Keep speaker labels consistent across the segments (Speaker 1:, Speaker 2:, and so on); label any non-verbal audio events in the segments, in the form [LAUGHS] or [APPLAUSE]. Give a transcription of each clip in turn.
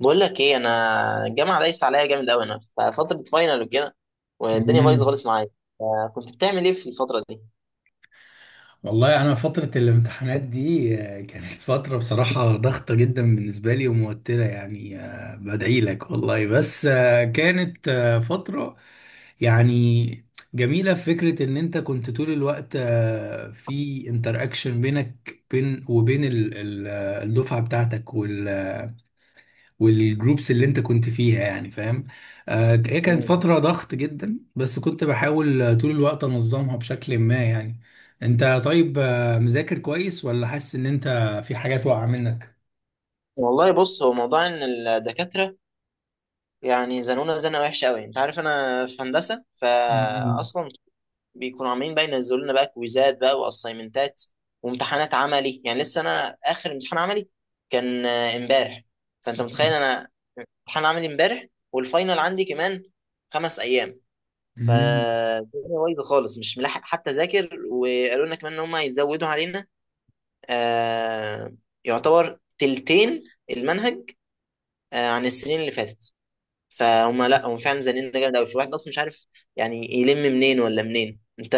Speaker 1: بقول لك ايه انا. الجامعه دايسه عليا جامد قوي، انا في فتره فاينل وكده، والدنيا بايظه
Speaker 2: مم.
Speaker 1: خالص معايا. كنت بتعمل ايه في الفتره دي؟
Speaker 2: والله انا فتره الامتحانات دي كانت فتره بصراحه ضغطه جدا بالنسبه لي وموتره، يعني بدعي لك والله، بس كانت فتره يعني جميله في فكره ان انت كنت طول الوقت في انتراكشن بينك وبين الدفعه بتاعتك والجروبس اللي انت كنت فيها، يعني فاهم. هي كانت
Speaker 1: مم.
Speaker 2: فترة ضغط جدا، بس كنت بحاول طول الوقت انظمها بشكل ما، يعني انت طيب مذاكر كويس ولا حاسس ان انت في حاجات واقعة منك؟
Speaker 1: والله بص، هو موضوع ان الدكاتره يعني زنونا زنه وحشه قوي، انت عارف انا في هندسه فاصلا. بيكونوا عمالين بقى ينزلوا لنا بقى كويزات بقى واسايمنتات وامتحانات عملي، يعني لسه انا اخر امتحان عملي كان امبارح. فانت متخيل، انا امتحان عملي امبارح والفاينل عندي كمان 5 ايام،
Speaker 2: مم.
Speaker 1: فالدنيا بايظه خالص، مش ملاحق حتى اذاكر. وقالوا لنا كمان ان هم هيزودوا علينا، آه يعتبر تلتين المنهج عن السنين اللي فاتت. فهم لا، هم فعلا زنقنا جامد قوي، الواحد اصلا مش عارف يعني يلم منين ولا منين. انت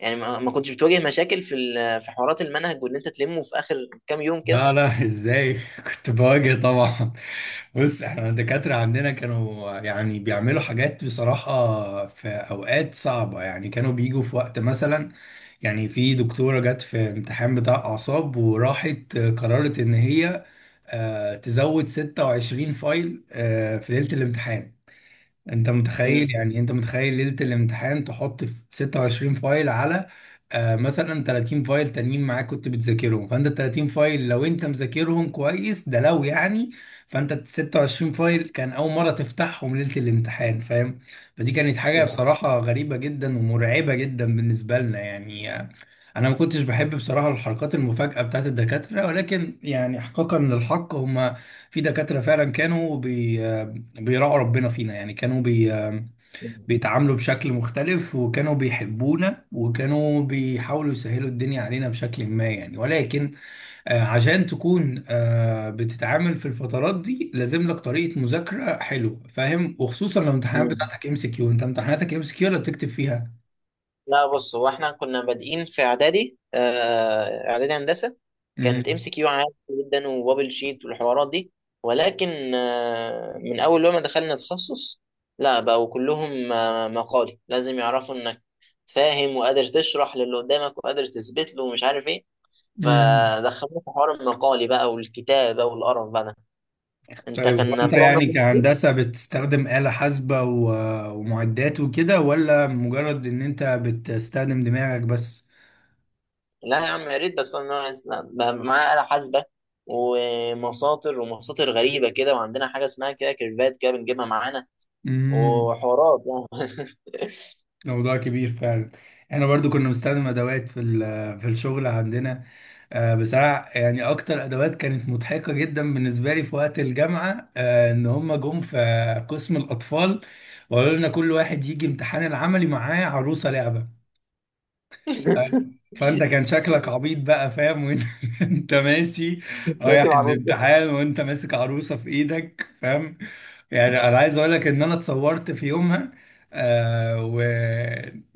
Speaker 1: يعني ما كنتش بتواجه مشاكل في في حوارات المنهج، وان انت تلمه في اخر كام يوم كده؟
Speaker 2: لا لا، ازاي؟ [LAUGHS] كنت بواجه طبعا. بص، احنا الدكاترة عندنا كانوا يعني بيعملوا حاجات بصراحة في اوقات صعبة، يعني كانوا بيجوا في وقت مثلا، يعني في دكتورة جت في امتحان بتاع اعصاب وراحت قررت ان هي تزود 26 فايل في ليلة الامتحان. انت متخيل؟
Speaker 1: مم.
Speaker 2: يعني انت متخيل ليلة الامتحان تحط في 26 فايل على مثلا 30 فايل تانيين معاك كنت بتذاكرهم؟ فانت ال 30 فايل لو انت مذاكرهم كويس ده لو يعني. فانت ال 26 فايل كان اول مرة تفتحهم ليلة الامتحان، فاهم. فدي كانت حاجة بصراحة غريبة جدا ومرعبة جدا بالنسبة لنا، يعني انا ما كنتش بحب بصراحة الحركات المفاجئة بتاعت الدكاترة، ولكن يعني احقاقا للحق هما في دكاترة فعلا كانوا بيراعوا ربنا فينا، يعني كانوا بيتعاملوا بشكل مختلف وكانوا بيحبونا وكانوا بيحاولوا يسهلوا الدنيا علينا بشكل ما، يعني. ولكن عشان تكون بتتعامل في الفترات دي لازم لك طريقة مذاكرة حلوة، فاهم. وخصوصا لو الامتحانات
Speaker 1: مم.
Speaker 2: بتاعتك ام سي كيو، انت امتحاناتك ام سي كيو ولا بتكتب فيها؟
Speaker 1: لا بص، هو احنا كنا بادئين في اعدادي، اعدادي هندسه، كانت ام
Speaker 2: امم.
Speaker 1: سي كيو عادي جدا وبابل شيت والحوارات دي. ولكن من اول لما دخلنا تخصص، لا، بقوا كلهم مقالي، لازم يعرفوا انك فاهم وقادر تشرح للي قدامك وقادر تثبت له ومش عارف ايه.
Speaker 2: امم.
Speaker 1: فدخلنا في حوار المقالي بقى والكتابه والقرف بقى ده، انت
Speaker 2: طيب،
Speaker 1: كان
Speaker 2: وانت
Speaker 1: طول عمرك.
Speaker 2: يعني كهندسة بتستخدم آلة حاسبة ومعدات وكده ولا مجرد ان انت بتستخدم دماغك بس؟
Speaker 1: لا يا عم، يا ريت، بس انا بقى معايا آلة حاسبة ومساطر ومساطر غريبة كده، وعندنا حاجة اسمها كده كيرفات كده بنجيبها معانا
Speaker 2: امم.
Speaker 1: وحوارات يعني.
Speaker 2: موضوع كبير فعلا. احنا برضو كنا بنستخدم ادوات في الشغل عندنا. بصراحه يعني اكتر ادوات كانت مضحكه جدا بالنسبه لي في وقت الجامعه، ان هم جم في قسم الاطفال وقالوا لنا كل واحد يجي امتحان العملي معاه عروسه لعبه. فانت
Speaker 1: [LAUGHS]
Speaker 2: كان شكلك عبيط بقى، فاهم. وانت [LAUGHS] انت ماشي
Speaker 1: لازم
Speaker 2: رايح
Speaker 1: عروسة.
Speaker 2: الامتحان وانت ماسك عروسه في ايدك، فاهم. يعني انا عايز اقول لك ان انا اتصورت في يومها، آه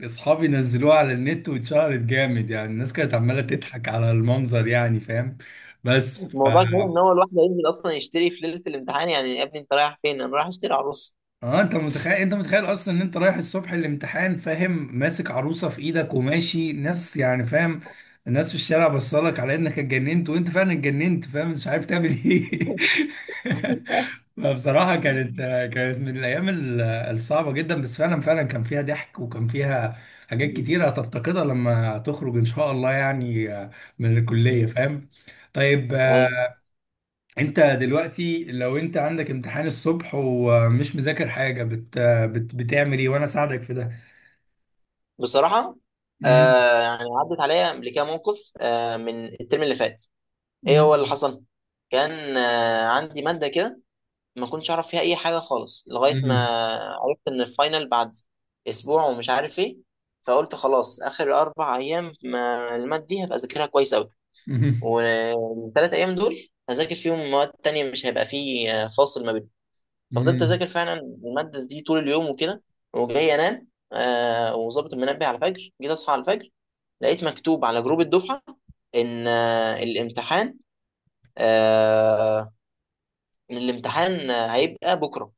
Speaker 2: واصحابي نزلوه على النت واتشهرت جامد، يعني الناس كانت عماله تضحك على المنظر، يعني فاهم. بس ف
Speaker 1: الموضوع كمان ان هو الواحد هينزل اصلا يشتري في ليلة الامتحان، يعني يا ابني انت رايح فين؟ انا رايح اشتري عروسة.
Speaker 2: اه انت متخيل، انت متخيل اصلا ان انت رايح الصبح الامتحان، فاهم. ماسك عروسه في ايدك وماشي ناس، يعني فاهم. الناس في الشارع بصلك على انك اتجننت، وانت فعلا اتجننت، فاهم مش عارف تعمل ايه. [LAUGHS] فبصراحه كانت من الايام الصعبه جدا، بس فعلا فعلا كان فيها ضحك وكان فيها حاجات كتيره هتفتقدها لما تخرج ان شاء الله، يعني من الكليه فاهم. طيب
Speaker 1: أيوة.
Speaker 2: انت دلوقتي لو انت عندك امتحان الصبح ومش مذاكر حاجة بتعمل ايه وانا اساعدك في ده؟
Speaker 1: [LAUGHS] بصراحة،
Speaker 2: مم.
Speaker 1: يعني عدت عليا قبل كده موقف من الترم اللي فات. ايه هو اللي
Speaker 2: مم.
Speaker 1: حصل؟ كان عندي مادة كده ما كنتش اعرف فيها اي حاجه خالص، لغايه ما
Speaker 2: مم.
Speaker 1: عرفت ان الفاينل بعد اسبوع ومش عارف ايه. فقلت خلاص، اخر 4 ايام ما المادة دي هبقى اذاكرها كويس قوي،
Speaker 2: مم.
Speaker 1: والثلاث ايام دول هذاكر فيهم مواد تانية، مش هيبقى فيه فاصل ما بينهم. ففضلت
Speaker 2: مم.
Speaker 1: اذاكر فعلا الماده دي طول اليوم وكده وجاي انام، وظابط المنبه على الفجر. جيت اصحى على الفجر، لقيت مكتوب على جروب الدفعه ان آه الامتحان آه إن الامتحان هيبقى بكره،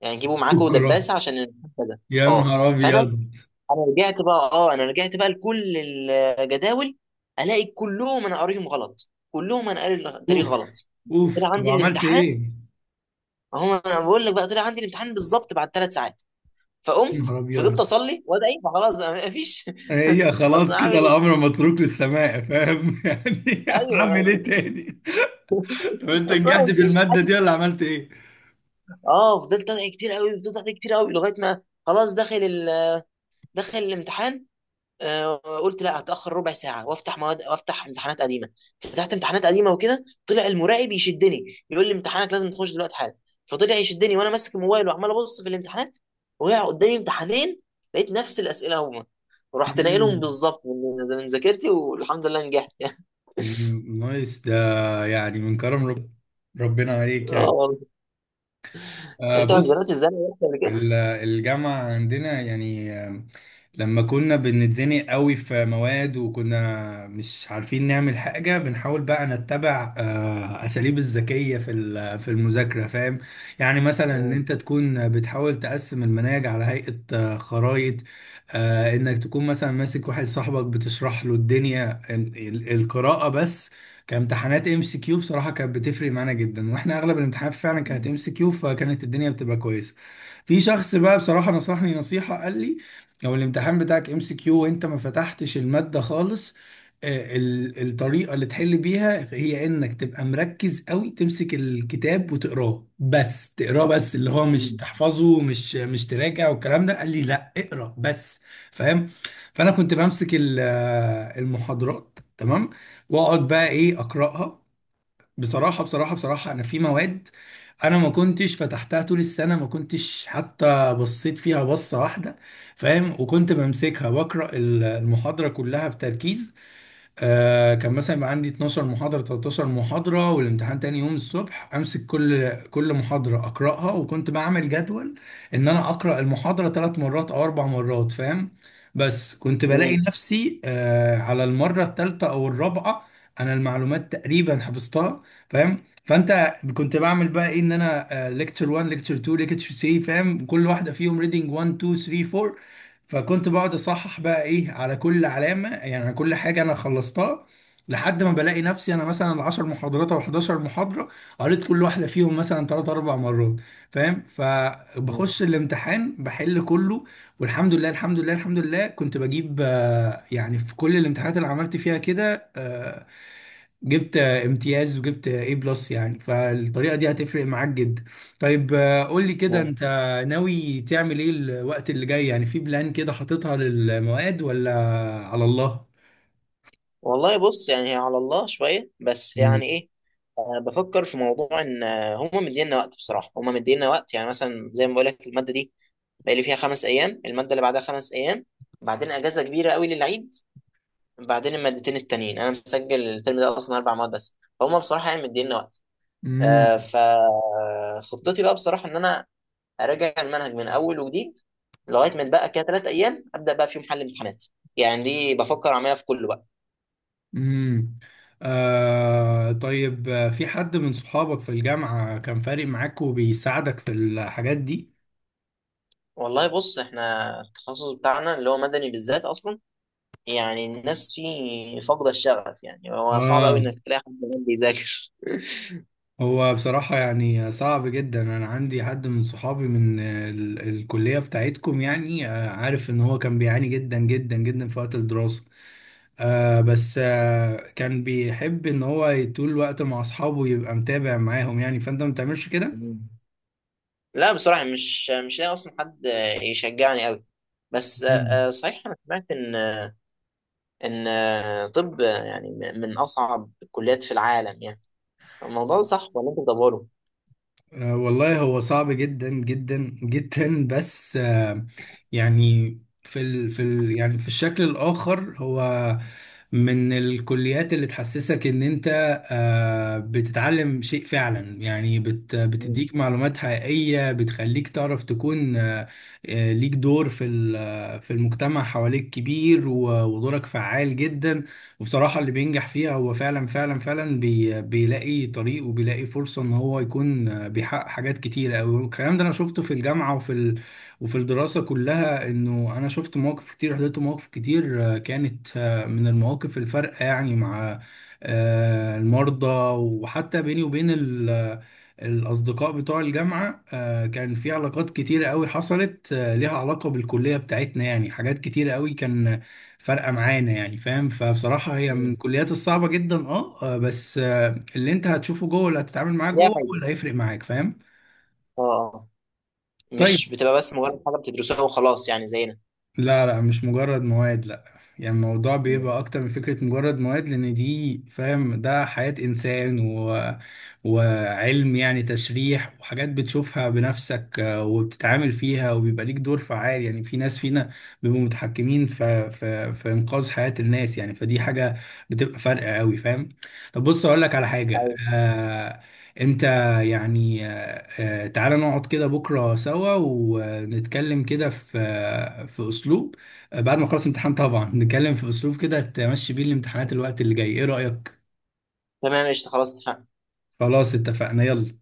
Speaker 1: يعني جيبوا معاكوا
Speaker 2: بكرة؟
Speaker 1: دباسه عشان الامتحان كذا.
Speaker 2: يا
Speaker 1: اه
Speaker 2: نهار
Speaker 1: فانا
Speaker 2: ابيض.
Speaker 1: انا رجعت بقى اه انا رجعت بقى لكل الجداول، الاقي كلهم انا قاريهم غلط، كلهم انا قاري التاريخ
Speaker 2: اوف،
Speaker 1: غلط.
Speaker 2: اوف.
Speaker 1: طلع
Speaker 2: طب
Speaker 1: عندي
Speaker 2: عملت
Speaker 1: الامتحان،
Speaker 2: ايه؟
Speaker 1: اهو انا بقول لك بقى، طلع عندي الامتحان بالظبط بعد 3 ساعات.
Speaker 2: يا
Speaker 1: فقمت
Speaker 2: نهار
Speaker 1: فضلت
Speaker 2: ابيض.
Speaker 1: اصلي وادعي، ما خلاص بقى ما فيش.
Speaker 2: هي
Speaker 1: [LAUGHS] اصل
Speaker 2: خلاص
Speaker 1: هعمل
Speaker 2: كده
Speaker 1: ايه.
Speaker 2: الامر متروك للسماء، فاهم. [LAUGHS] يعني
Speaker 1: ايوه.
Speaker 2: اعمل ايه تاني؟ طب انت
Speaker 1: اصل
Speaker 2: نجحت
Speaker 1: ما
Speaker 2: في
Speaker 1: فيش
Speaker 2: المادة
Speaker 1: حاجه.
Speaker 2: دي ولا عملت ايه؟
Speaker 1: اه فضلت ادعي كتير قوي، فضلت ادعي كتير قوي لغايه ما خلاص داخل الامتحان. قلت لا هتاخر ربع ساعه وافتح مواد وافتح امتحانات قديمه. فتحت امتحانات قديمه وكده، طلع المراقب يشدني، بيقول لي امتحانك لازم تخش دلوقتي حالا. فطلع يشدني وانا ماسك الموبايل وعمال ابص في الامتحانات، وقع قدامي امتحانين، لقيت نفس الاسئله هما، ورحت ناقلهم
Speaker 2: مم.
Speaker 1: بالظبط من ذاكرتي، والحمد لله نجحت يعني.
Speaker 2: مم. نايس ده. يعني من كرم ربنا
Speaker 1: [LAUGHS]
Speaker 2: عليك،
Speaker 1: اه
Speaker 2: يعني.
Speaker 1: والله. انت ما نزلتش
Speaker 2: بص،
Speaker 1: زي ما قبل كده.
Speaker 2: الجامعة عندنا، يعني لما كنا بنتزنق قوي في مواد وكنا مش عارفين نعمل حاجة، بنحاول بقى نتبع أساليب الذكية في المذاكرة، فاهم. يعني مثلا إن أنت
Speaker 1: مم.
Speaker 2: تكون بتحاول تقسم المناهج على هيئة خرائط. إنك تكون مثلا ماسك واحد صاحبك بتشرح له الدنيا، القراءة بس. كامتحانات ام سي كيو بصراحة كانت بتفرق معانا جدا، واحنا اغلب الامتحانات فعلا كانت ام سي كيو، فكانت الدنيا بتبقى كويسة. في شخص بقى بصراحة نصحني نصيحة، قال لي لو الامتحان بتاعك ام سي كيو وانت ما فتحتش المادة خالص، الطريقة اللي تحل بيها هي انك تبقى مركز قوي، تمسك الكتاب وتقراه بس، تقراه بس اللي هو مش
Speaker 1: مم.
Speaker 2: تحفظه ومش مش تراجع، والكلام ده قال لي لا اقرا بس، فاهم. فانا كنت بمسك المحاضرات، تمام. واقعد بقى ايه اقراها. بصراحة بصراحة بصراحة أنا في مواد أنا ما كنتش فتحتها طول السنة، ما كنتش حتى بصيت فيها بصة واحدة، فاهم. وكنت بمسكها بقرأ المحاضرة كلها بتركيز. كان مثلا يبقى عندي 12 محاضرة 13 محاضرة والامتحان تاني يوم الصبح، امسك كل محاضرة اقراها. وكنت بعمل جدول ان انا اقرا المحاضرة ثلاث مرات او اربع مرات، فاهم. بس كنت بلاقي
Speaker 1: مم.
Speaker 2: نفسي على المرة الثالثة او الرابعة انا المعلومات تقريبا حفظتها، فاهم. فانت كنت بعمل بقى ايه؟ ان انا ليكتشر 1 ليكتشر 2 ليكتشر 3، فاهم. كل واحدة فيهم ريدنج 1 2 3 4. فكنت بقعد اصحح بقى ايه على كل علامه، يعني على كل حاجه انا خلصتها، لحد ما بلاقي نفسي انا مثلا 10 محاضرات او 11 محاضره قريت كل واحده فيهم مثلا 3 4 مرات، فاهم. فبخش الامتحان بحل كله، والحمد لله الحمد لله الحمد لله كنت بجيب يعني في كل الامتحانات اللي عملت فيها كده جبت امتياز وجبت اي بلس، يعني فالطريقه دي هتفرق معاك جدا. طيب قول لي كده،
Speaker 1: مم.
Speaker 2: انت ناوي تعمل ايه الوقت اللي جاي؟ يعني في بلان كده حاططها للمواد ولا على الله؟
Speaker 1: والله بص، يعني هي على الله شوية، بس
Speaker 2: امم.
Speaker 1: يعني إيه، أنا بفكر في موضوع، إن هما مدينا وقت بصراحة، هما مدينا وقت، يعني مثلا زي ما بقول لك، المادة دي بقالي فيها 5 أيام، المادة اللي بعدها 5 أيام، بعدين أجازة كبيرة قوي للعيد، بعدين المادتين التانيين، أنا مسجل الترم ده أصلا أربع مواد بس، فهم بصراحة يعني مدينا وقت.
Speaker 2: امم.
Speaker 1: فخطتي بقى بصراحة إن أنا أراجع المنهج من أول وجديد، لغاية ما بقى كده 3 أيام أبدأ بقى فيهم حل امتحانات، يعني دي بفكر أعملها في كله.
Speaker 2: امم. طيب في حد من صحابك في الجامعه كان فارق معاك وبيساعدك في الحاجات دي؟
Speaker 1: والله بص، احنا التخصص بتاعنا اللي هو مدني بالذات اصلا يعني الناس فيه فاقده الشغف، يعني هو صعب قوي
Speaker 2: اه.
Speaker 1: انك تلاقي حد كمان بيذاكر.
Speaker 2: هو بصراحة يعني صعب جدا، أنا عندي حد من صحابي من الكلية بتاعتكم، يعني عارف إن هو كان بيعاني جدا جدا جدا في وقت الدراسة، بس كان بيحب إن هو طول الوقت مع أصحابه يبقى متابع معاهم، يعني فأنت ما بتعملش كده؟
Speaker 1: مم. لا بصراحه، مش لاقي اصلا حد يشجعني قوي. بس صحيح انا سمعت ان طب يعني من اصعب الكليات في العالم يعني، الموضوع ده صح ولا انت بتدوره؟
Speaker 2: والله هو صعب جدا جدا جدا، بس يعني في ال في ال يعني في الشكل الآخر هو من الكليات اللي تحسسك ان انت بتتعلم شيء فعلا، يعني
Speaker 1: مم.
Speaker 2: بتديك معلومات حقيقية بتخليك تعرف تكون ليك دور في المجتمع حواليك كبير، ودورك فعال جدا. وبصراحة اللي بينجح فيها هو فعلا فعلا فعلا بيلاقي طريق وبيلاقي فرصة ان هو يكون بيحقق حاجات كتيرة أوي. والكلام ده انا شفته في الجامعة وفي الدراسة كلها، انه انا شفت مواقف كتير، حضرت مواقف كتير كانت من المواقف الفارقة، يعني مع المرضى. وحتى بيني وبين الأصدقاء بتوع الجامعة، كان في علاقات كتيرة قوي حصلت ليها علاقة بالكلية بتاعتنا، يعني حاجات كتيرة قوي كان فارقه معانا، يعني فاهم. فبصراحه هي من
Speaker 1: مم.
Speaker 2: الكليات الصعبه جدا. اه. بس اللي انت هتشوفه جوه، اللي هتتعامل معاه
Speaker 1: ليها
Speaker 2: جوه هو
Speaker 1: فايدة.
Speaker 2: اللي هيفرق معاك، فاهم.
Speaker 1: اه آه.
Speaker 2: طيب،
Speaker 1: مش بتبقى بس مجرد حاجه بتدرسوها وخلاص يعني زينا.
Speaker 2: لا لا مش مجرد مواد لا. يعني الموضوع بيبقى
Speaker 1: مم.
Speaker 2: اكتر من فكرة مجرد مواد، لان دي فاهم ده حياة انسان وعلم، يعني تشريح وحاجات بتشوفها بنفسك. وبتتعامل فيها وبيبقى ليك دور فعال، يعني في ناس فينا بيبقوا متحكمين في انقاذ حياة الناس، يعني فدي حاجة بتبقى فارقة قوي، فاهم. طب بص اقول لك على حاجة
Speaker 1: أيوة.
Speaker 2: انت يعني تعالى نقعد كده بكرة سوا ونتكلم كده في في أسلوب، بعد ما أخلص امتحان طبعا، نتكلم في أسلوب كده تمشي بيه الامتحانات الوقت اللي جاي، إيه رأيك؟
Speaker 1: تمام، قشطه، خلاص اتفقنا.
Speaker 2: خلاص اتفقنا، يلا.